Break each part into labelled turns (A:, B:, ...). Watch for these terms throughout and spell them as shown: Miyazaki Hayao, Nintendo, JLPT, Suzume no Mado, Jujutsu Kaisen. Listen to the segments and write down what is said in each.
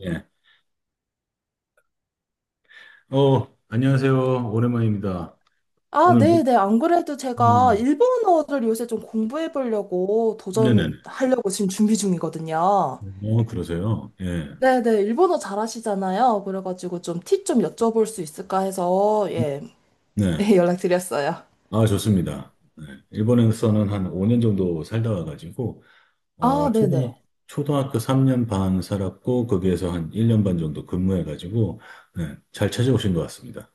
A: 예. 안녕하세요. 오랜만입니다.
B: 아,
A: 오늘,
B: 네네. 안 그래도 제가
A: 네,
B: 일본어를 요새 좀 공부해 보려고
A: 네네.
B: 도전하려고 지금 준비 중이거든요.
A: 그러세요. 예.
B: 네네. 일본어 잘하시잖아요. 그래가지고 좀 팁 좀 여쭤볼 수 있을까 해서, 예,
A: 네.
B: 예, 연락드렸어요.
A: 아, 좋습니다. 네. 일본에서는 한 5년 정도 살다 와가지고,
B: 아,
A: 어, 초등,
B: 네네.
A: 초등학교 3년 반 살았고, 거기에서 한 1년 반 정도 근무해가지고, 네. 잘 찾아오신 것 같습니다.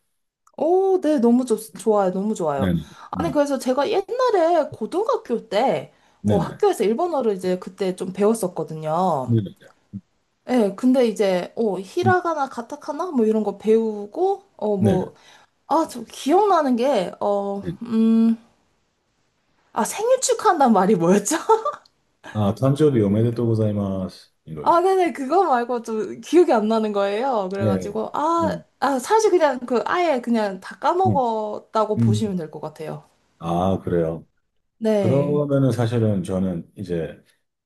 B: 오, 네. 너무 좋아요. 너무 좋아요.
A: 네네.
B: 아니,
A: 네.
B: 그래서 제가 옛날에 고등학교 때,
A: 네네.
B: 학교에서 일본어를 이제 그때 좀 배웠었거든요.
A: 네네. 네.
B: 예, 근데 이제,
A: 네.
B: 히라가나, 가타카나, 뭐 이런 거 배우고,
A: 네, 네.
B: 뭐, 아, 저 기억나는 게,
A: 네, 네.
B: 아, 생일 축하한다는 말이 뭐였죠?
A: 아, 탄조비 오메데 또고자이마스. 이거죠.
B: 아, 네네, 그거 말고 좀 기억이 안 나는 거예요.
A: 네.
B: 그래가지고, 아,
A: 음,
B: 아, 사실 그냥 그 아예 그냥 다
A: 음,
B: 까먹었다고
A: 음.
B: 보시면 될 것 같아요.
A: 아, 그래요.
B: 네.
A: 그러면은 사실은 저는 이제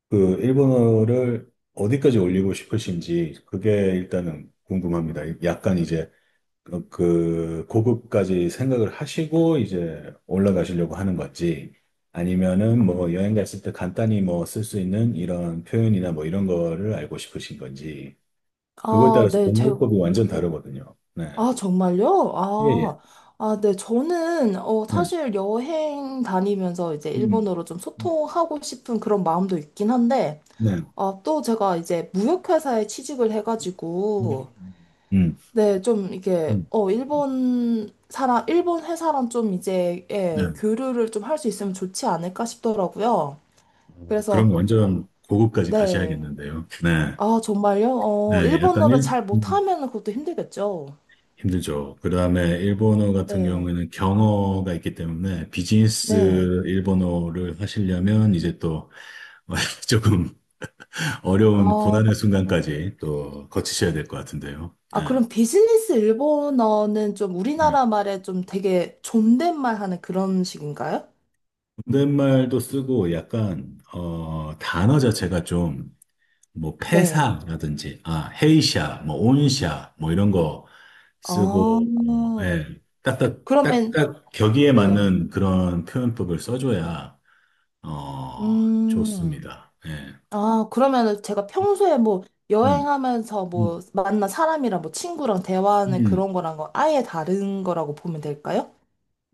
A: 그 일본어를 어디까지 올리고 싶으신지 그게 일단은 궁금합니다. 약간 이제 그, 그 고급까지 생각을 하시고 이제 올라가시려고 하는 건지 아니면은 뭐 여행 갔을 때 간단히 뭐 쓸 수 있는 이런 표현이나 뭐 이런 거를 알고 싶으신 건지 그거에
B: 아,
A: 따라서
B: 네,
A: 공부법이 완전 다르거든요. 네.
B: 아, 정말요?
A: 예, 예.
B: 아, 아, 네, 저는,
A: 네.
B: 사실 여행 다니면서 이제
A: 음. 음,
B: 일본어로 좀
A: 음.
B: 소통하고 싶은 그런 마음도 있긴 한데,
A: 네.
B: 아, 또 제가 이제 무역회사에 취직을
A: 음.
B: 해가지고,
A: 음. 음.
B: 네, 좀 이게
A: 음, 음.
B: 일본 회사랑 좀 이제
A: 네.
B: 예, 교류를 좀 할 수 있으면 좋지 않을까 싶더라고요. 그래서
A: 그럼 완전 고급까지
B: 네.
A: 가셔야겠는데요. 네.
B: 아, 정말요?
A: 네, 약간
B: 일본어를
A: 일,
B: 잘
A: 음,
B: 못하면 그것도 힘들겠죠.
A: 힘들죠. 그 다음에 일본어 같은
B: 네.
A: 경우에는 경어가 있기 때문에 비즈니스
B: 네.
A: 일본어를 하시려면 이제 또 조금 어려운
B: 어,
A: 고난의 순간까지 또 거치셔야 될 것 같은데요.
B: 아,
A: 네.
B: 그럼 비즈니스 일본어는 좀
A: 네.
B: 우리나라 말에 좀 되게 존댓말 하는 그런 식인가요?
A: 존댓말도 쓰고 약간 단어 자체가 좀 뭐
B: 네.
A: 폐사라든지 아 헤이샤 뭐 온샤 뭐 이런 거
B: 아,
A: 쓰고, 뭐, 예, 딱딱,
B: 그러면,
A: 딱딱 격의에
B: 네.
A: 맞는 그런 표현법을 써줘야, 어,
B: 음.
A: 좋습니다. 예.
B: 아, 그러면은 제가 평소에 뭐
A: 음,
B: 여행하면서 뭐
A: 음,
B: 만난 사람이랑 뭐 친구랑 대화하는
A: 음.
B: 그런 거랑 은 아예 다른 거라고 보면 될까요?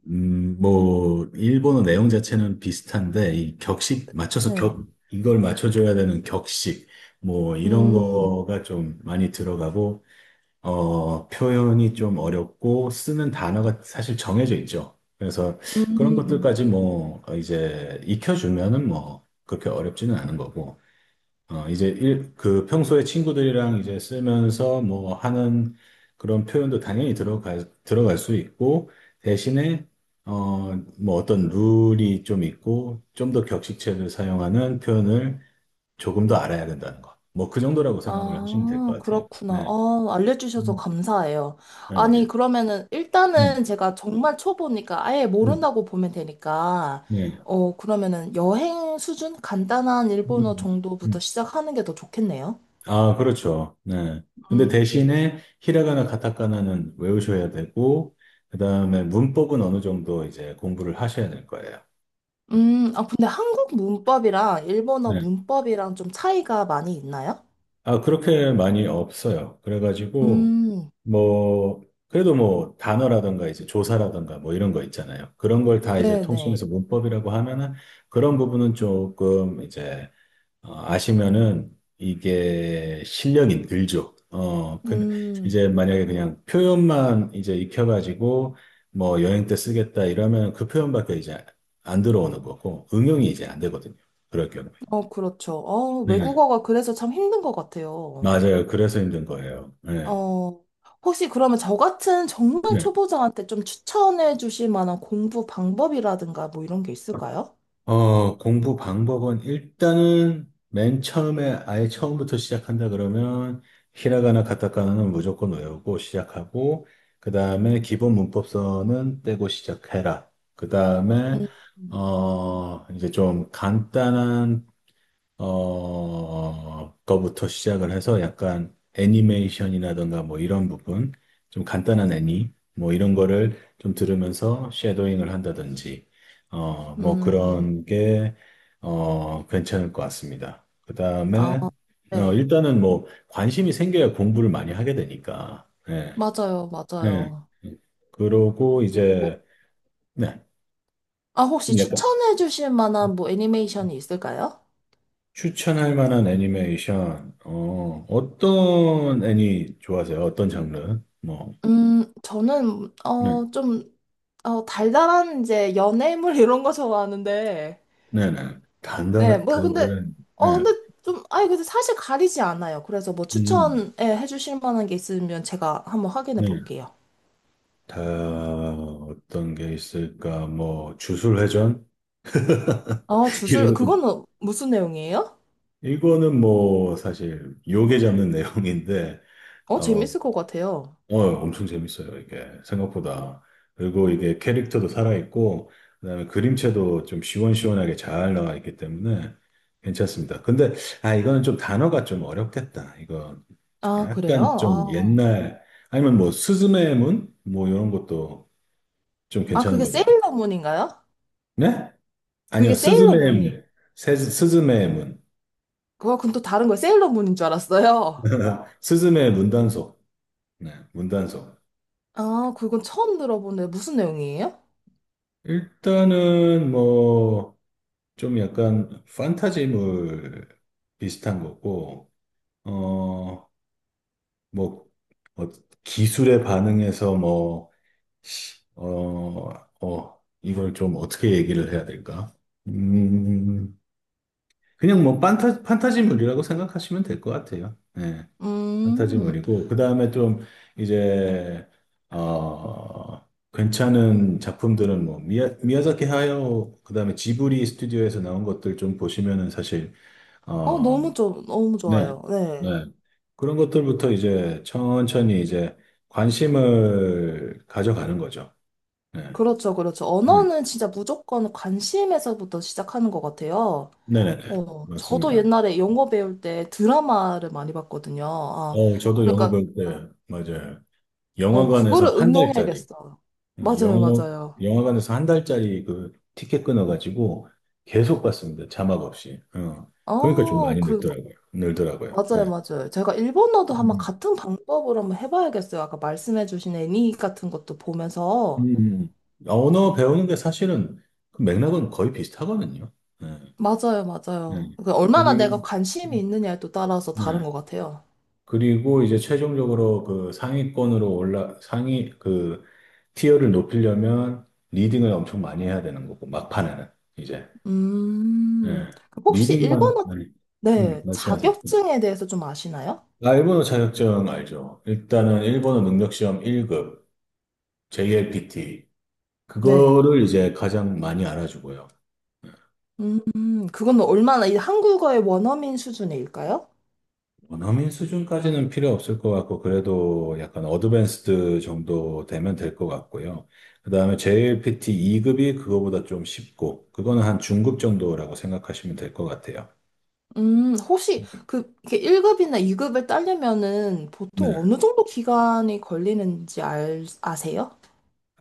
A: 뭐, 일본어 내용 자체는 비슷한데, 이 격식, 맞춰서
B: 네.
A: 격, 이걸 맞춰줘야 되는 격식, 뭐, 이런
B: 음,
A: 거가 좀 많이 들어가고, 표현이 좀 어렵고 쓰는 단어가 사실 정해져 있죠. 그래서 그런
B: 음,
A: 것들까지 이제 익혀주면은 뭐 그렇게 어렵지는 않은 거고. 그 평소에 친구들이랑 이제 쓰면서 뭐 하는 그런 표현도 당연히 들어갈 수 있고 대신에 어, 뭐 어떤 룰이 좀 있고 좀 더 격식체를 사용하는 표현을 조금 더 알아야 된다는 거. 뭐 그 정도라고 생각을 하시면 될 것
B: 아,
A: 같아요.
B: 그렇구나.
A: 네.
B: 아, 알려주셔서
A: 음.
B: 감사해요. 아니,
A: 네.
B: 그러면은
A: 음,
B: 일단은 제가 정말 초보니까 아예
A: 음,
B: 모른다고 보면 되니까,
A: 예.
B: 어, 그러면은 여행 수준? 간단한 일본어
A: 음.
B: 정도부터
A: 음.
B: 시작하는 게 더 좋겠네요.
A: 아, 그렇죠. 네. 근데
B: 음.
A: 대신에 히라가나 가타카나는 외우셔야 되고, 그 다음에 문법은 어느 정도 이제 공부를 하셔야 될 거예요. 네.
B: 아, 근데 한국 문법이랑 일본어
A: 네.
B: 문법이랑 좀 차이가 많이 있나요?
A: 아, 그렇게 많이 없어요. 그래가지고,
B: 음,
A: 뭐, 그래도 뭐, 단어라든가 이제 조사라든가 뭐 이런 거 있잖아요. 그런 걸 다 이제
B: 네네.
A: 통칭해서 문법이라고 하면은 그런 부분은 조금 이제 아시면은 이게 실력이 늘죠. 어, 근
B: 음,
A: 이제 만약에 그냥 표현만 이제 익혀가지고 뭐 여행 때 쓰겠다 이러면 그 표현밖에 이제 안 들어오는 거고 응용이 이제 안 되거든요. 그럴 경우에.
B: 어, 그렇죠.
A: 네,
B: 외국어가 그래서 참 힘든 것 같아요.
A: 맞아요. 그래서 힘든 거예요. 네,
B: 어, 혹시 그러면 저 같은 정말
A: 네.
B: 초보자한테 좀 추천해 주실 만한 공부 방법이라든가 뭐 이런 게 있을까요?
A: 공부 방법은 일단은 맨 처음에 아예 처음부터 시작한다 그러면 히라가나 가타카나는 무조건 외우고 시작하고 그 다음에 기본 문법서는 떼고 시작해라. 그 다음에
B: 음,
A: 어 이제 좀 간단한 거부터 시작을 해서 약간 애니메이션이라든가 뭐 이런 부분, 좀 간단한 애니, 뭐 이런 거를 좀 들으면서 쉐도잉을 한다든지, 어, 뭐
B: 음,
A: 그런 게, 괜찮을 것 같습니다. 그
B: 아,
A: 다음에,
B: 네.
A: 일단은 뭐 관심이 생겨야 공부를 많이 하게 되니까, 예,
B: 맞아요,
A: 예.
B: 맞아요.
A: 그러고
B: 어,
A: 이제, 네,
B: 아, 혹시
A: 좀 약간
B: 추천해 주실 만한 뭐 애니메이션이 있을까요?
A: 추천할 만한 애니메이션, 어떤 애니 좋아하세요? 어떤 장르? 뭐,
B: 저는,
A: 네,
B: 어, 달달한 이제 연애물 이런 거 좋아하는데,
A: 네, 네.
B: 네,
A: 단단한,
B: 뭐, 근데,
A: 단단한,
B: 어,
A: 네,
B: 근데 좀, 아니, 근데 사실 가리지 않아요. 그래서 뭐
A: 음,
B: 추천해 주실 만한 게 있으면 제가 한번 확인해
A: 네.
B: 볼게요.
A: 다, 어떤 게 있을까? 뭐, 주술회전?
B: 아, 주술,
A: 이런 거.
B: 그거는 무슨 내용이에요?
A: 이거는 뭐, 사실, 요괴 잡는 내용인데,
B: 어,
A: 어,
B: 재밌을 것 같아요.
A: 엄청 재밌어요, 이게. 생각보다. 그리고 이게 캐릭터도 살아있고, 그다음에 그림체도 좀 시원시원하게 잘 나와 있기 때문에 괜찮습니다. 근데, 아, 이거는 좀 단어가 좀 어렵겠다. 이거
B: 아, 그래요?
A: 약간 좀
B: 아,
A: 옛날, 아니면 뭐, 스즈메의 문? 뭐, 이런 것도 좀
B: 아,
A: 괜찮은
B: 그게
A: 거 같아요.
B: 세일러문인가요?
A: 네?
B: 그게
A: 아니요, 스즈메의
B: 세일러문이.
A: 문. 스즈메의 문.
B: 그건 또 다른 거예요. 세일러문인 줄 알았어요.
A: 스즈메의 문단속. 네, 문단속.
B: 아, 그건 처음 들어보네. 무슨 내용이에요?
A: 일단은 뭐, 좀 약간 판타지물 비슷한 거고, 어, 뭐, 어, 기술에 반응해서 어, 이걸 좀 어떻게 얘기를 해야 될까? 음, 그냥 뭐 판타지물이라고 생각하시면 될 것 같아요. 네,
B: 음.
A: 판타지물이고, 그 다음에 좀 이제, 어, 괜찮은 작품들은 미야자키 하야오, 그 다음에 지브리 스튜디오에서 나온 것들 좀 보시면은 사실
B: 어,
A: 어,
B: 너무 좋, 너무
A: 네,
B: 좋아요.
A: 네.
B: 네.
A: 그런 것들부터 이제 천천히 이제 관심을 가져가는 거죠. 네,
B: 그렇죠, 그렇죠.
A: 네,
B: 언어는 진짜 무조건 관심에서부터 시작하는 것 같아요.
A: 네, 네, 네.
B: 어, 저도
A: 맞습니다.
B: 옛날에 영어 배울 때 드라마를 많이 봤거든요. 아,
A: 저도 영어
B: 그러니까,
A: 배울 때, 맞아요. 영화관에서
B: 그거를
A: 한 달짜리,
B: 응용해야겠어요. 맞아요,
A: 영어,
B: 맞아요.
A: 영화관에서 한 달짜리 그 티켓 끊어가지고 계속 봤습니다. 자막 없이. 어. 그러니까 좀
B: 어,
A: 많이
B: 그,
A: 늘더라고요. 늘더라고요.
B: 맞아요,
A: 예.
B: 맞아요. 제가 일본어도 한번
A: 음,
B: 같은 방법으로 한번 해봐야겠어요. 아까 말씀해주신 애니 같은 것도 보면서.
A: 음. 아, 언어 배우는 게 사실은 그 맥락은 거의 비슷하거든요. 네.
B: 맞아요, 맞아요.
A: 네.
B: 그 얼마나
A: 그리,
B: 내가 관심이 있느냐에 또 따라서 다른
A: 네.
B: 것 같아요.
A: 그리고 이제 최종적으로 그 상위권으로 티어를 높이려면 리딩을 엄청 많이 해야 되는 거고, 막판에는, 이제. 예.
B: 음, 혹시
A: 리딩만,
B: 일본어,
A: 아니,
B: 네,
A: 말씀하세요. 예.
B: 자격증에 대해서 좀 아시나요?
A: 아, 일본어 자격증 알죠? 일단은 일본어 능력시험 1급, JLPT.
B: 네.
A: 그거를 이제 가장 많이 알아주고요.
B: 음, 그건 얼마나 이 한국어의 원어민 수준일까요?
A: 원어민 수준까지는 필요 없을 것 같고, 그래도 약간 어드밴스드 정도 되면 될 것 같고요. 그 다음에 JLPT 2급이 그거보다 좀 쉽고, 그거는 한 중급 정도라고 생각하시면 될 것 같아요.
B: 혹시 그 이렇게 1급이나 2급을 따려면은
A: 네.
B: 보통 어느 정도 기간이 걸리는지 알, 아세요?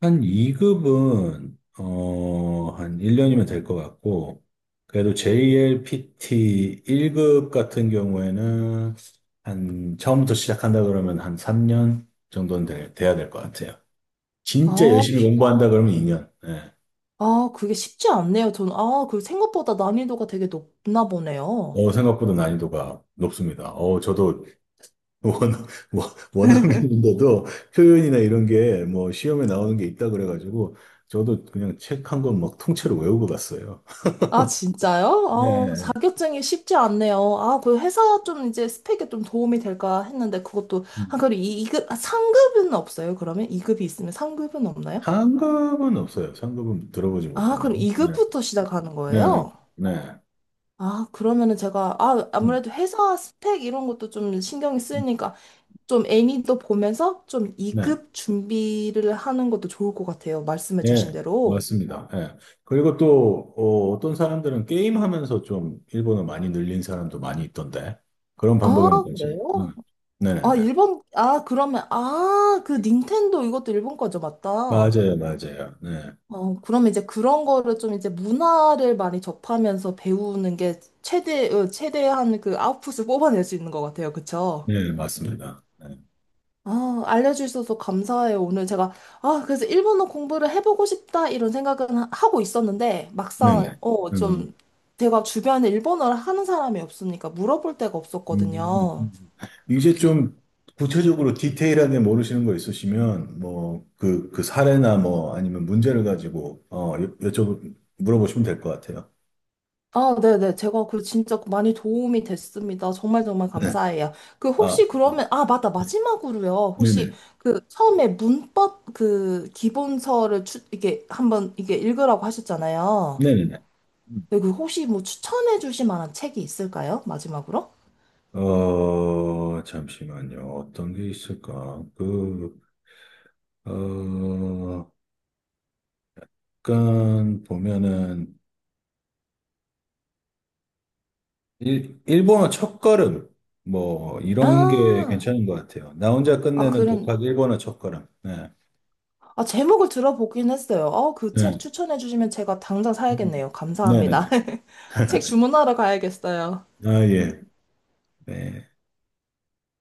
A: 한 2급은, 어, 한 1년이면 될 것 같고, 그래도 JLPT 1급 같은 경우에는 한 처음부터 시작한다 그러면 한 3년 정도는 돼, 돼야 될 것 같아요. 진짜
B: 아,
A: 열심히 공부한다 그러면 2년.
B: 아, 그게 쉽지 않네요. 저는, 아, 그 생각보다 난이도가 되게 높나 보네요.
A: 생각보다 난이도가 높습니다. 어, 저도 원, 원- 원어민인데도 표현이나 이런 게 뭐 시험에 나오는 게 있다 그래가지고 저도 그냥 책 한 권 막 통째로 외우고 갔어요.
B: 아, 진짜요? 아,
A: 네.
B: 자격증이 쉽지 않네요. 아, 그 회사 좀 이제 스펙에 좀 도움이 될까 했는데 그것도, 아,
A: 음.
B: 그리고 이급 아, 상급은 없어요? 그러면? 이급이 있으면 상급은 없나요?
A: 상급은 없어요. 상급은 들어보지 못했
B: 아,
A: 나요
B: 그럼
A: 네.
B: 이급부터 시작하는
A: 네, 네,
B: 거예요?
A: 네.
B: 아, 그러면은 제가, 아,
A: 음,
B: 아무래도 회사 스펙 이런 것도 좀 신경이
A: 음,
B: 쓰이니까 좀 애니도 보면서
A: 네.
B: 좀이급 준비를 하는 것도 좋을 것 같아요. 말씀해 주신
A: 예,
B: 대로.
A: 맞습니다. 예. 그리고 또 어떤 사람들은 게임하면서 좀 일본어 많이 늘린 사람도 많이 있던데 그런
B: 아,
A: 방법에는 관심이.
B: 그래요?
A: 음. 네네네.
B: 아, 일본, 아, 그러면, 아, 그 닌텐도 이것도 일본 거죠, 맞다.
A: 맞아요, 맞아요. 네,
B: 어, 그럼 이제 그런 거를 좀 이제 문화를 많이 접하면서 배우는 게 최대, 어, 최대한 그 아웃풋을 뽑아낼 수 있는 것 같아요. 그쵸?
A: 네, 맞습니다. 네,
B: 아, 알려주셔서 감사해요. 오늘 제가, 아, 그래서 일본어 공부를 해보고 싶다, 이런 생각은 하고 있었는데,
A: 네.
B: 막상, 어,
A: 음,
B: 좀, 제가 주변에 일본어를 하는 사람이 없으니까 물어볼 데가 없었거든요.
A: 음. 이제 좀 구체적으로 디테일하게 모르시는 거 있으시면 뭐 그 그 사례나 뭐 아니면 문제를 가지고 여쭤 물어보시면 될 것 같아요.
B: 아, 네네. 제가 그 진짜 그 많이 도움이 됐습니다. 정말 정말
A: 네,
B: 감사해요. 그
A: 아,
B: 혹시 그러면, 아, 맞다. 마지막으로요. 혹시
A: 네네,
B: 그 처음에 문법 그 기본서를 이게 한번 이게 읽으라고 하셨잖아요.
A: 네네네. 음.
B: 네, 그 혹시 뭐 추천해 주실 만한 책이 있을까요? 마지막으로?
A: 어 잠시만요. 어떤 게 있을까? 어, 약간 보면은 일본어 첫걸음 뭐 이런 게
B: 아,
A: 괜찮은 것 같아요. 나 혼자
B: 아,
A: 끝내는
B: 그런,
A: 독학 일본어 첫걸음. 네,
B: 아, 제목을 들어보긴 했어요. 어, 그
A: 네,
B: 책 추천해 주시면 제가 당장
A: 음,
B: 사야겠네요.
A: 네, 네.
B: 감사합니다.
A: 네.
B: 책 주문하러 가야겠어요.
A: 아 예, 네.